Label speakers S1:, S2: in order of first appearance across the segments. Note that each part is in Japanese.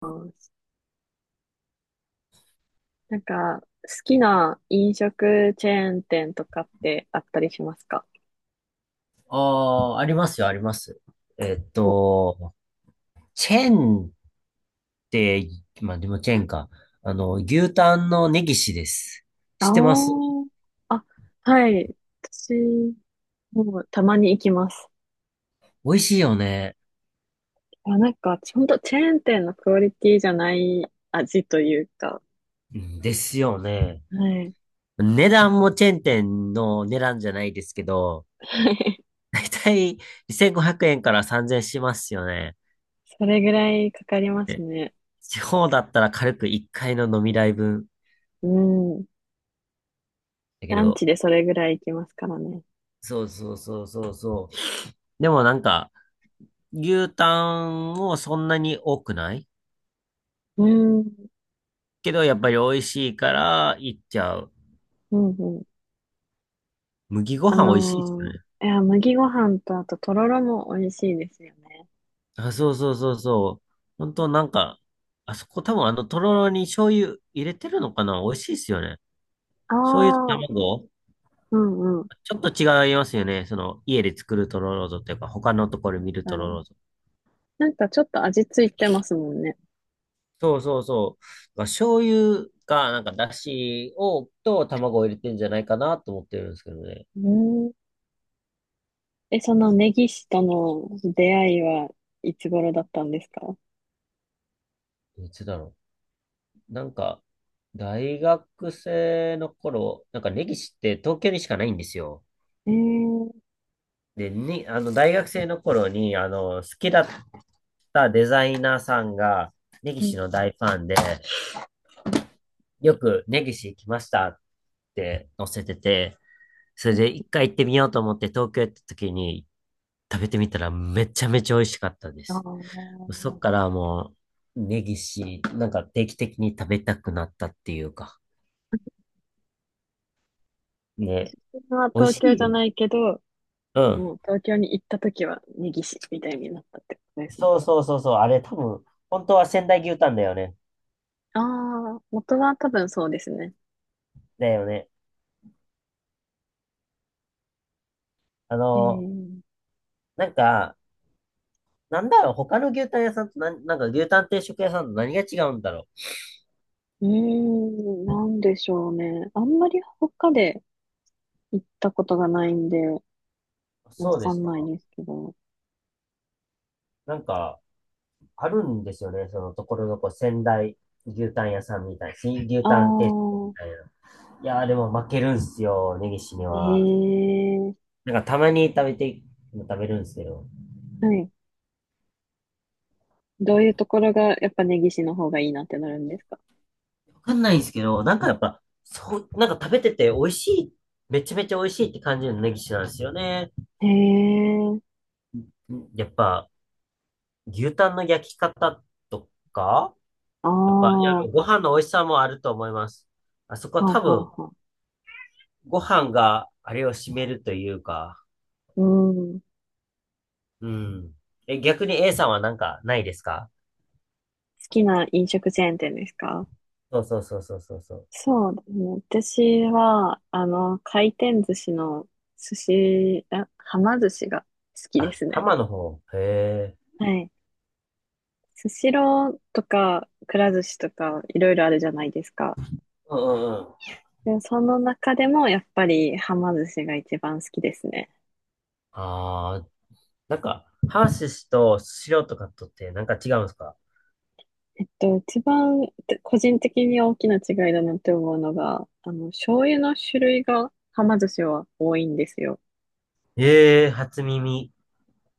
S1: うん。なんか、好きな飲食チェーン店とかってあったりしますか？
S2: ああ、ありますよ、あります。えっ
S1: お、
S2: と、チェーンって、まあでもチェーンか。あの、牛タンのネギシです。知
S1: あ
S2: ってます？
S1: ー。あ、はい。私、もうたまに行きます。
S2: 美味しいよね。
S1: あ、なんか、ほんとチェーン店のクオリティじゃない味というか、
S2: うんですよね。
S1: はい。
S2: 値段もチェーン店の値段じゃないですけど、だいたい2500円から3000円しますよね。
S1: それぐらいかかります
S2: で、
S1: ね。
S2: 地方だったら軽く1回の飲み代分。
S1: うん。
S2: だけ
S1: ランチ
S2: ど、
S1: でそれぐらい行きますからね。
S2: そうそうそうそうそう。でもなんか、牛タンもそんなに多くない
S1: うん。
S2: けど、やっぱり美味しいから行っちゃう。
S1: うんうん。
S2: 麦ご
S1: あ
S2: 飯美味しいですよ
S1: の
S2: ね。
S1: いや、麦ご飯とあととろろも美味しいですよね。
S2: あ、そうそうそうそう。本当なんか、あそこ多分とろろに醤油入れてるのかな、美味しいですよね。
S1: あ
S2: 醤油と
S1: あ、
S2: 卵、
S1: うんうん。
S2: ちょっと違いますよね。その、家で作るとろろとっていうか、他のところで見るとろ
S1: 何
S2: ろと。
S1: なんかちょっと味ついてますもんね。
S2: そうそうそう。まあ醤油が、だしを、と卵を入れてんじゃないかなと思ってるんですけどね。
S1: うん。え、そのネギ師との出会いはいつ頃だったんですか？
S2: いつだろう。なんか、大学生の頃、なんか根岸って東京にしかないんですよ。
S1: ええー。
S2: で、に、あの、大学生の頃に、あの、好きだったデザイナーさんが、根
S1: うん。
S2: 岸の大ファンで、よく根岸来ましたって載せてて、それで一回行ってみようと思って東京行った時に食べてみたら、めちゃめちゃ美味しかったで
S1: あ
S2: す。
S1: あ。
S2: そっからもう、根岸、なんか定期的に食べたくなったっていうか、
S1: 自
S2: ね、
S1: 分は
S2: 美味
S1: 東
S2: し
S1: 京
S2: い
S1: じゃ
S2: よね。
S1: ないけど、
S2: うん。
S1: もう東京に行った時はネギ師みたいになったってことですね。
S2: そうそうそうそう、あれ多分、本当は仙台牛タンだよね。
S1: ああ、元は多分そうですね。
S2: だよね。あの、
S1: ええ。
S2: なんか、なんだろう、他の牛タン屋さんとなんか牛タン定食屋さんと何が違うんだろ
S1: うーん、なんでしょうね。あんまり他で行ったことがないんで、
S2: う。
S1: わ
S2: そうで
S1: か
S2: す
S1: んない
S2: か。
S1: ですけど。
S2: なんか、あるんですよね。そのところどころ仙台牛タン屋さんみたいな。新牛
S1: あ
S2: タン定食み
S1: あ、
S2: たいな。いやーでも負けるんすよ、根岸には。
S1: ええ。
S2: なんかたまに食べて、食べるんですけど。
S1: はい。どういうところが、やっぱ根岸の方がいいなってなるんですか？
S2: わかんないんですけど、なんかやっぱ、そう、なんか食べてて美味しい、めちゃめちゃ美味しいって感じるの根岸なんですよね。
S1: へえ、
S2: やっぱ、牛タンの焼き方とか、
S1: ああ、
S2: やっぱ、い
S1: は
S2: や、ご飯の美味しさもあると思います。あそこ
S1: あ
S2: は
S1: は
S2: 多分、
S1: あはあ。
S2: ご飯があれを占めるというか、
S1: うん。好
S2: うん。え、逆に A さんはなんかないですか？
S1: きな飲食チェーン店ですか？
S2: そうそうそうそうそうそう。
S1: そうですね。私は、あの、回転寿司の寿司、あ、はま寿司が好きで
S2: あ、
S1: すね。
S2: 浜の方。へえ。
S1: はい。スシローとか、くら寿司とか、いろいろあるじゃないですか。
S2: うんうんうん。
S1: で、その中でも、やっぱり、はま寿司が一番好きですね。
S2: ああ、なんか、ハーシスとスシローとかとって、なんか違うんですか？
S1: えっと、一番個人的に大きな違いだなって思うのが、あの、醤油の種類が、はま寿司は多いんですよ。
S2: ええー、初耳。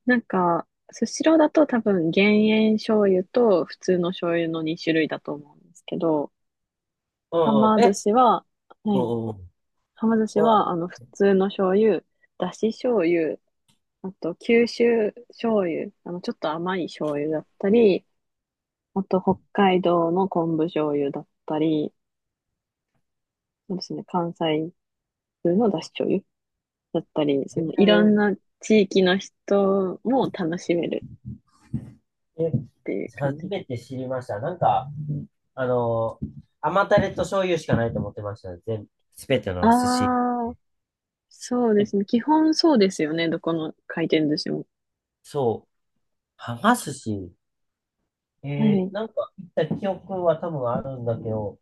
S1: なんか、スシローだと多分減塩醤油と普通の醤油の2種類だと思うんですけど、
S2: う
S1: は
S2: んうん。
S1: ま寿
S2: え、
S1: 司は、は
S2: うんう
S1: い。
S2: んうん。
S1: はま寿司
S2: う
S1: は、あ
S2: ん。
S1: の、普通の醤油、だし醤油、あと、九州醤油、あの、ちょっと甘い醤油だったり、あと、北海道の昆布醤油だったり、そうですね、関西風のだし醤油だったり、そ
S2: へ
S1: のいろん
S2: え、
S1: な地域の人も楽しめる
S2: え、
S1: っていう感
S2: 初
S1: じで。
S2: めて知りました。なんか、あの、甘タレと醤油しかないと思ってました。全、すべての寿司。
S1: ああ、そうで
S2: え、
S1: すね。基本そうですよね。どこの回転寿司も。
S2: そう。はが寿司。
S1: は
S2: えー
S1: い。
S2: なんか、行った記憶は多分あるんだけど、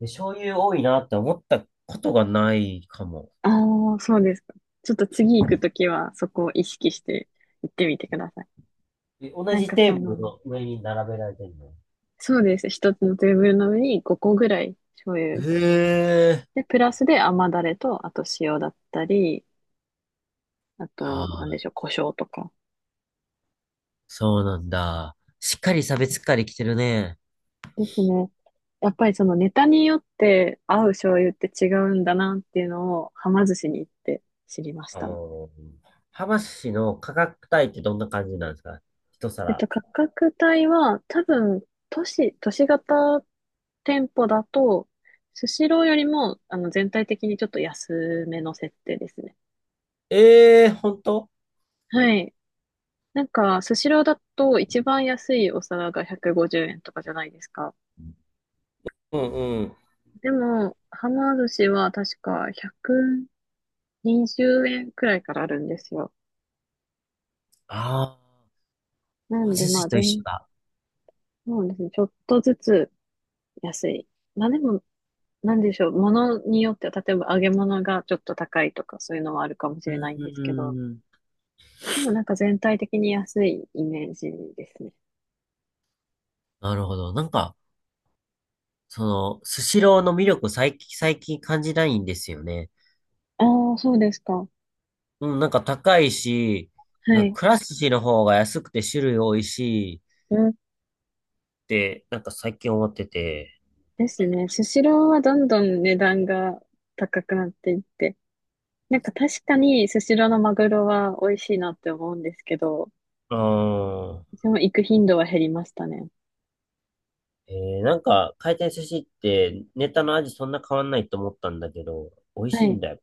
S2: で、醤油多いなって思ったことがないかも。
S1: ああ、そうですか。ちょっと次行くときはそこを意識して行ってみてください。
S2: え、同
S1: なん
S2: じ
S1: か
S2: テ
S1: そ
S2: ーブル
S1: の、
S2: の上に並べられてるの？
S1: そうですね。一つのテーブルの上に5個ぐらい醤油。
S2: へえ。
S1: で、プラスで甘だれと、あと塩だったり、あ
S2: あ
S1: と、な
S2: あ、
S1: んでしょう、胡椒とか。
S2: そうなんだ。しっかり差別化できてるね。
S1: ですね。やっぱりそのネタによって合う醤油って違うんだなっていうのを、はま寿司に行って知りまし
S2: あ
S1: たね。
S2: ー、浜寿司の価格帯ってどんな感じなんですか？一
S1: えっ
S2: 皿。
S1: と、価格帯は多分、都市型店舗だと、スシローよりも、あの、全体的にちょっと安めの設定ですね。
S2: ええー、ほんと？
S1: はい。なんか、スシローだと一番安いお皿が150円とかじゃないですか。
S2: うんうん。
S1: でも、はま寿司は確か120円くにじゅうえんくらいからあるんですよ。
S2: ああ、
S1: なん
S2: 浜
S1: で、
S2: 寿
S1: まあ、
S2: 司と一緒だ。
S1: そうですね。ちょっとずつ安い。まあでも、なんでしょう。ものによっては、例えば揚げ物がちょっと高いとか、そういうのはあるかもし
S2: う
S1: れないんですけど、
S2: ーん。
S1: でもなんか全体的に安いイメージですね。
S2: なるほど。なんか、その、スシローの魅力最近感じないんですよね。
S1: ああ、そうですか。は
S2: うん、なんか高いし、うんか、
S1: い。
S2: くら寿司の方が安くて種類多いし、
S1: うん。
S2: って、なんか最近思ってて。
S1: ですね。スシローはどんどん値段が高くなっていって、なんか確かにスシローのマグロは美味しいなって思うんですけど、
S2: うーん。
S1: でも行く頻度は減りましたね。
S2: えー、なんか、回転寿司ってネタの味そんな変わんないと思ったんだけど、美味
S1: は
S2: しいん
S1: い。
S2: だよ。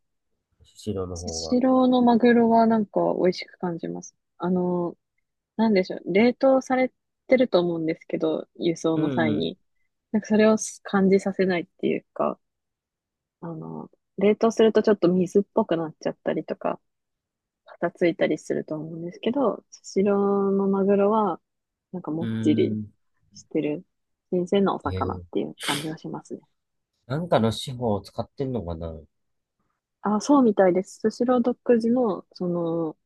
S2: スシローの
S1: ス
S2: 方が。
S1: シローのマグロはなんか美味しく感じます。あの、なんでしょう。冷凍されてると思うんですけど、輸送
S2: う
S1: の際
S2: ん
S1: に。なんかそれを感じさせないっていうか、あの、冷凍するとちょっと水っぽくなっちゃったりとか、パサついたりすると思うんですけど、スシローのマグロは、なんかも
S2: う
S1: っ
S2: ん。
S1: ちり
S2: うーん。
S1: してる、新鮮なお
S2: え
S1: 魚っ
S2: ー、
S1: ていう感じがしますね。
S2: なんかの手法を使ってんのかなあ？
S1: あ、そうみたいです。スシロー独自の、その、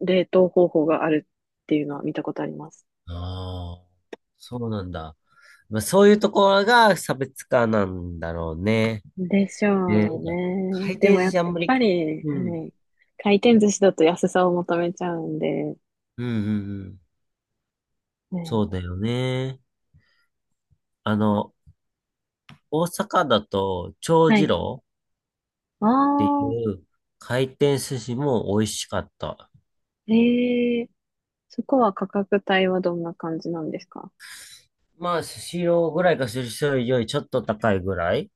S1: 冷凍方法があるっていうのは見たことあります。
S2: あ、そうなんだ。まあ、そういうところが差別化なんだろうね。
S1: でし
S2: ね、な
S1: ょ
S2: ん
S1: う
S2: か回
S1: ね。で
S2: 転
S1: も
S2: 寿
S1: やっ
S2: 司あんま
S1: ぱ
S2: り、
S1: り、
S2: う
S1: は
S2: ん。
S1: い。回転寿司だと安さを求めちゃうんで、
S2: うんうんうん。
S1: は
S2: そ
S1: い。
S2: うだよね。あの、大阪だと、長
S1: は
S2: 次
S1: い。
S2: 郎
S1: あ
S2: ってい
S1: あ、
S2: う回転寿司も美味しかった。
S1: ええ。そこは価格帯はどんな感じなんですか？
S2: まあ、スシローぐらいか、スシローよりちょっと高いぐらい。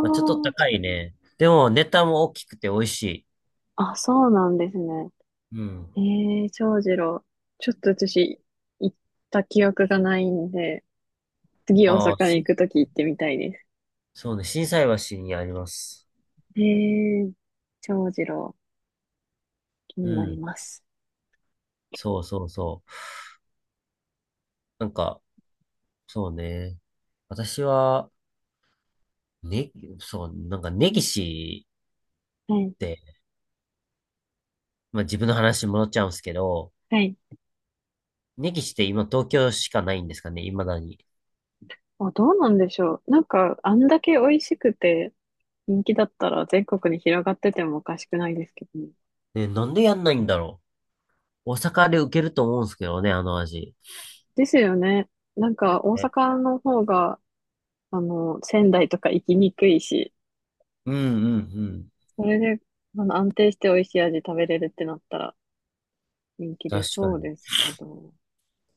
S2: まあ、ちょっと高いね。でも、ネタも大きくて美味しい。
S1: あ、あ、そうなんですね。
S2: うん。
S1: ええ。長次郎。ちょっと私、行った記憶がないんで、次大
S2: ああ、
S1: 阪に行
S2: し、
S1: くとき行ってみたいです。
S2: そうね、心斎橋にあります。
S1: ええ。長次郎、気
S2: う
S1: になり
S2: ん。
S1: ます。
S2: そうそうそう。なんか、そうね。私は、ね、そう、なんか、根岸
S1: はい。
S2: って、まあ、自分の話に戻っちゃうんですけど、
S1: はい。
S2: 根岸って今東京しかないんですかね、未だに。
S1: あ、どうなんでしょう。なんか、あんだけ美味しくて人気だったら全国に広がっててもおかしくないですけどね。
S2: ね、なんでやんないんだろう。大阪で受けると思うんですけどね、あの味。
S1: ですよね。なんか、大
S2: え、
S1: 阪の方が、あの、仙台とか行きにくいし、
S2: うんうんうん。
S1: それで、あの、安定して美味しい味食べれるってなったら人気出
S2: 確か
S1: そう
S2: に。
S1: ですけど。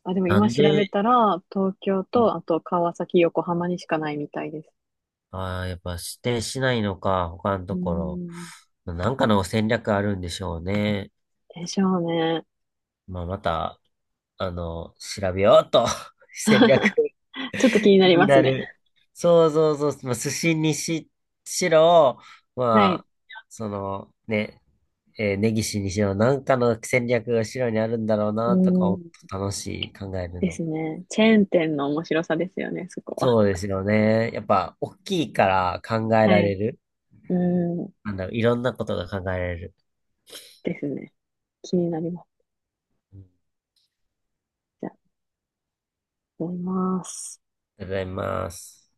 S1: あ、でも
S2: な
S1: 今
S2: ん
S1: 調
S2: で、
S1: べたら、東京と、あと川崎、横浜にしかないみたいです。
S2: ああ、やっぱ指定しないのか、他の
S1: う
S2: と
S1: ー
S2: こ
S1: ん。
S2: ろ。なんかの戦略あるんでしょうね。
S1: でしょうね。
S2: まあ、また、あの、調べようと。戦略。
S1: ちょっと気にな
S2: 気
S1: り
S2: に
S1: ます
S2: な
S1: ね。
S2: る。そうそうそう。まあ、寿司にしろ、
S1: は
S2: ま
S1: い。
S2: あ、その、ね、えー、根岸にしろ、なんかの戦略が白にあるんだろう
S1: う
S2: な、とか、
S1: ーん。
S2: 楽しい、考える
S1: です
S2: の。
S1: ね。チェーン店の面白さですよね、そこは。
S2: そうですよね。やっぱ、大きいから考え
S1: は
S2: られ
S1: い。
S2: る。
S1: うん。
S2: なんだろう、いろんなことが考えられる。
S1: ですね。気になります。
S2: うん、あ
S1: じゃあ、思います。
S2: りがとうございます。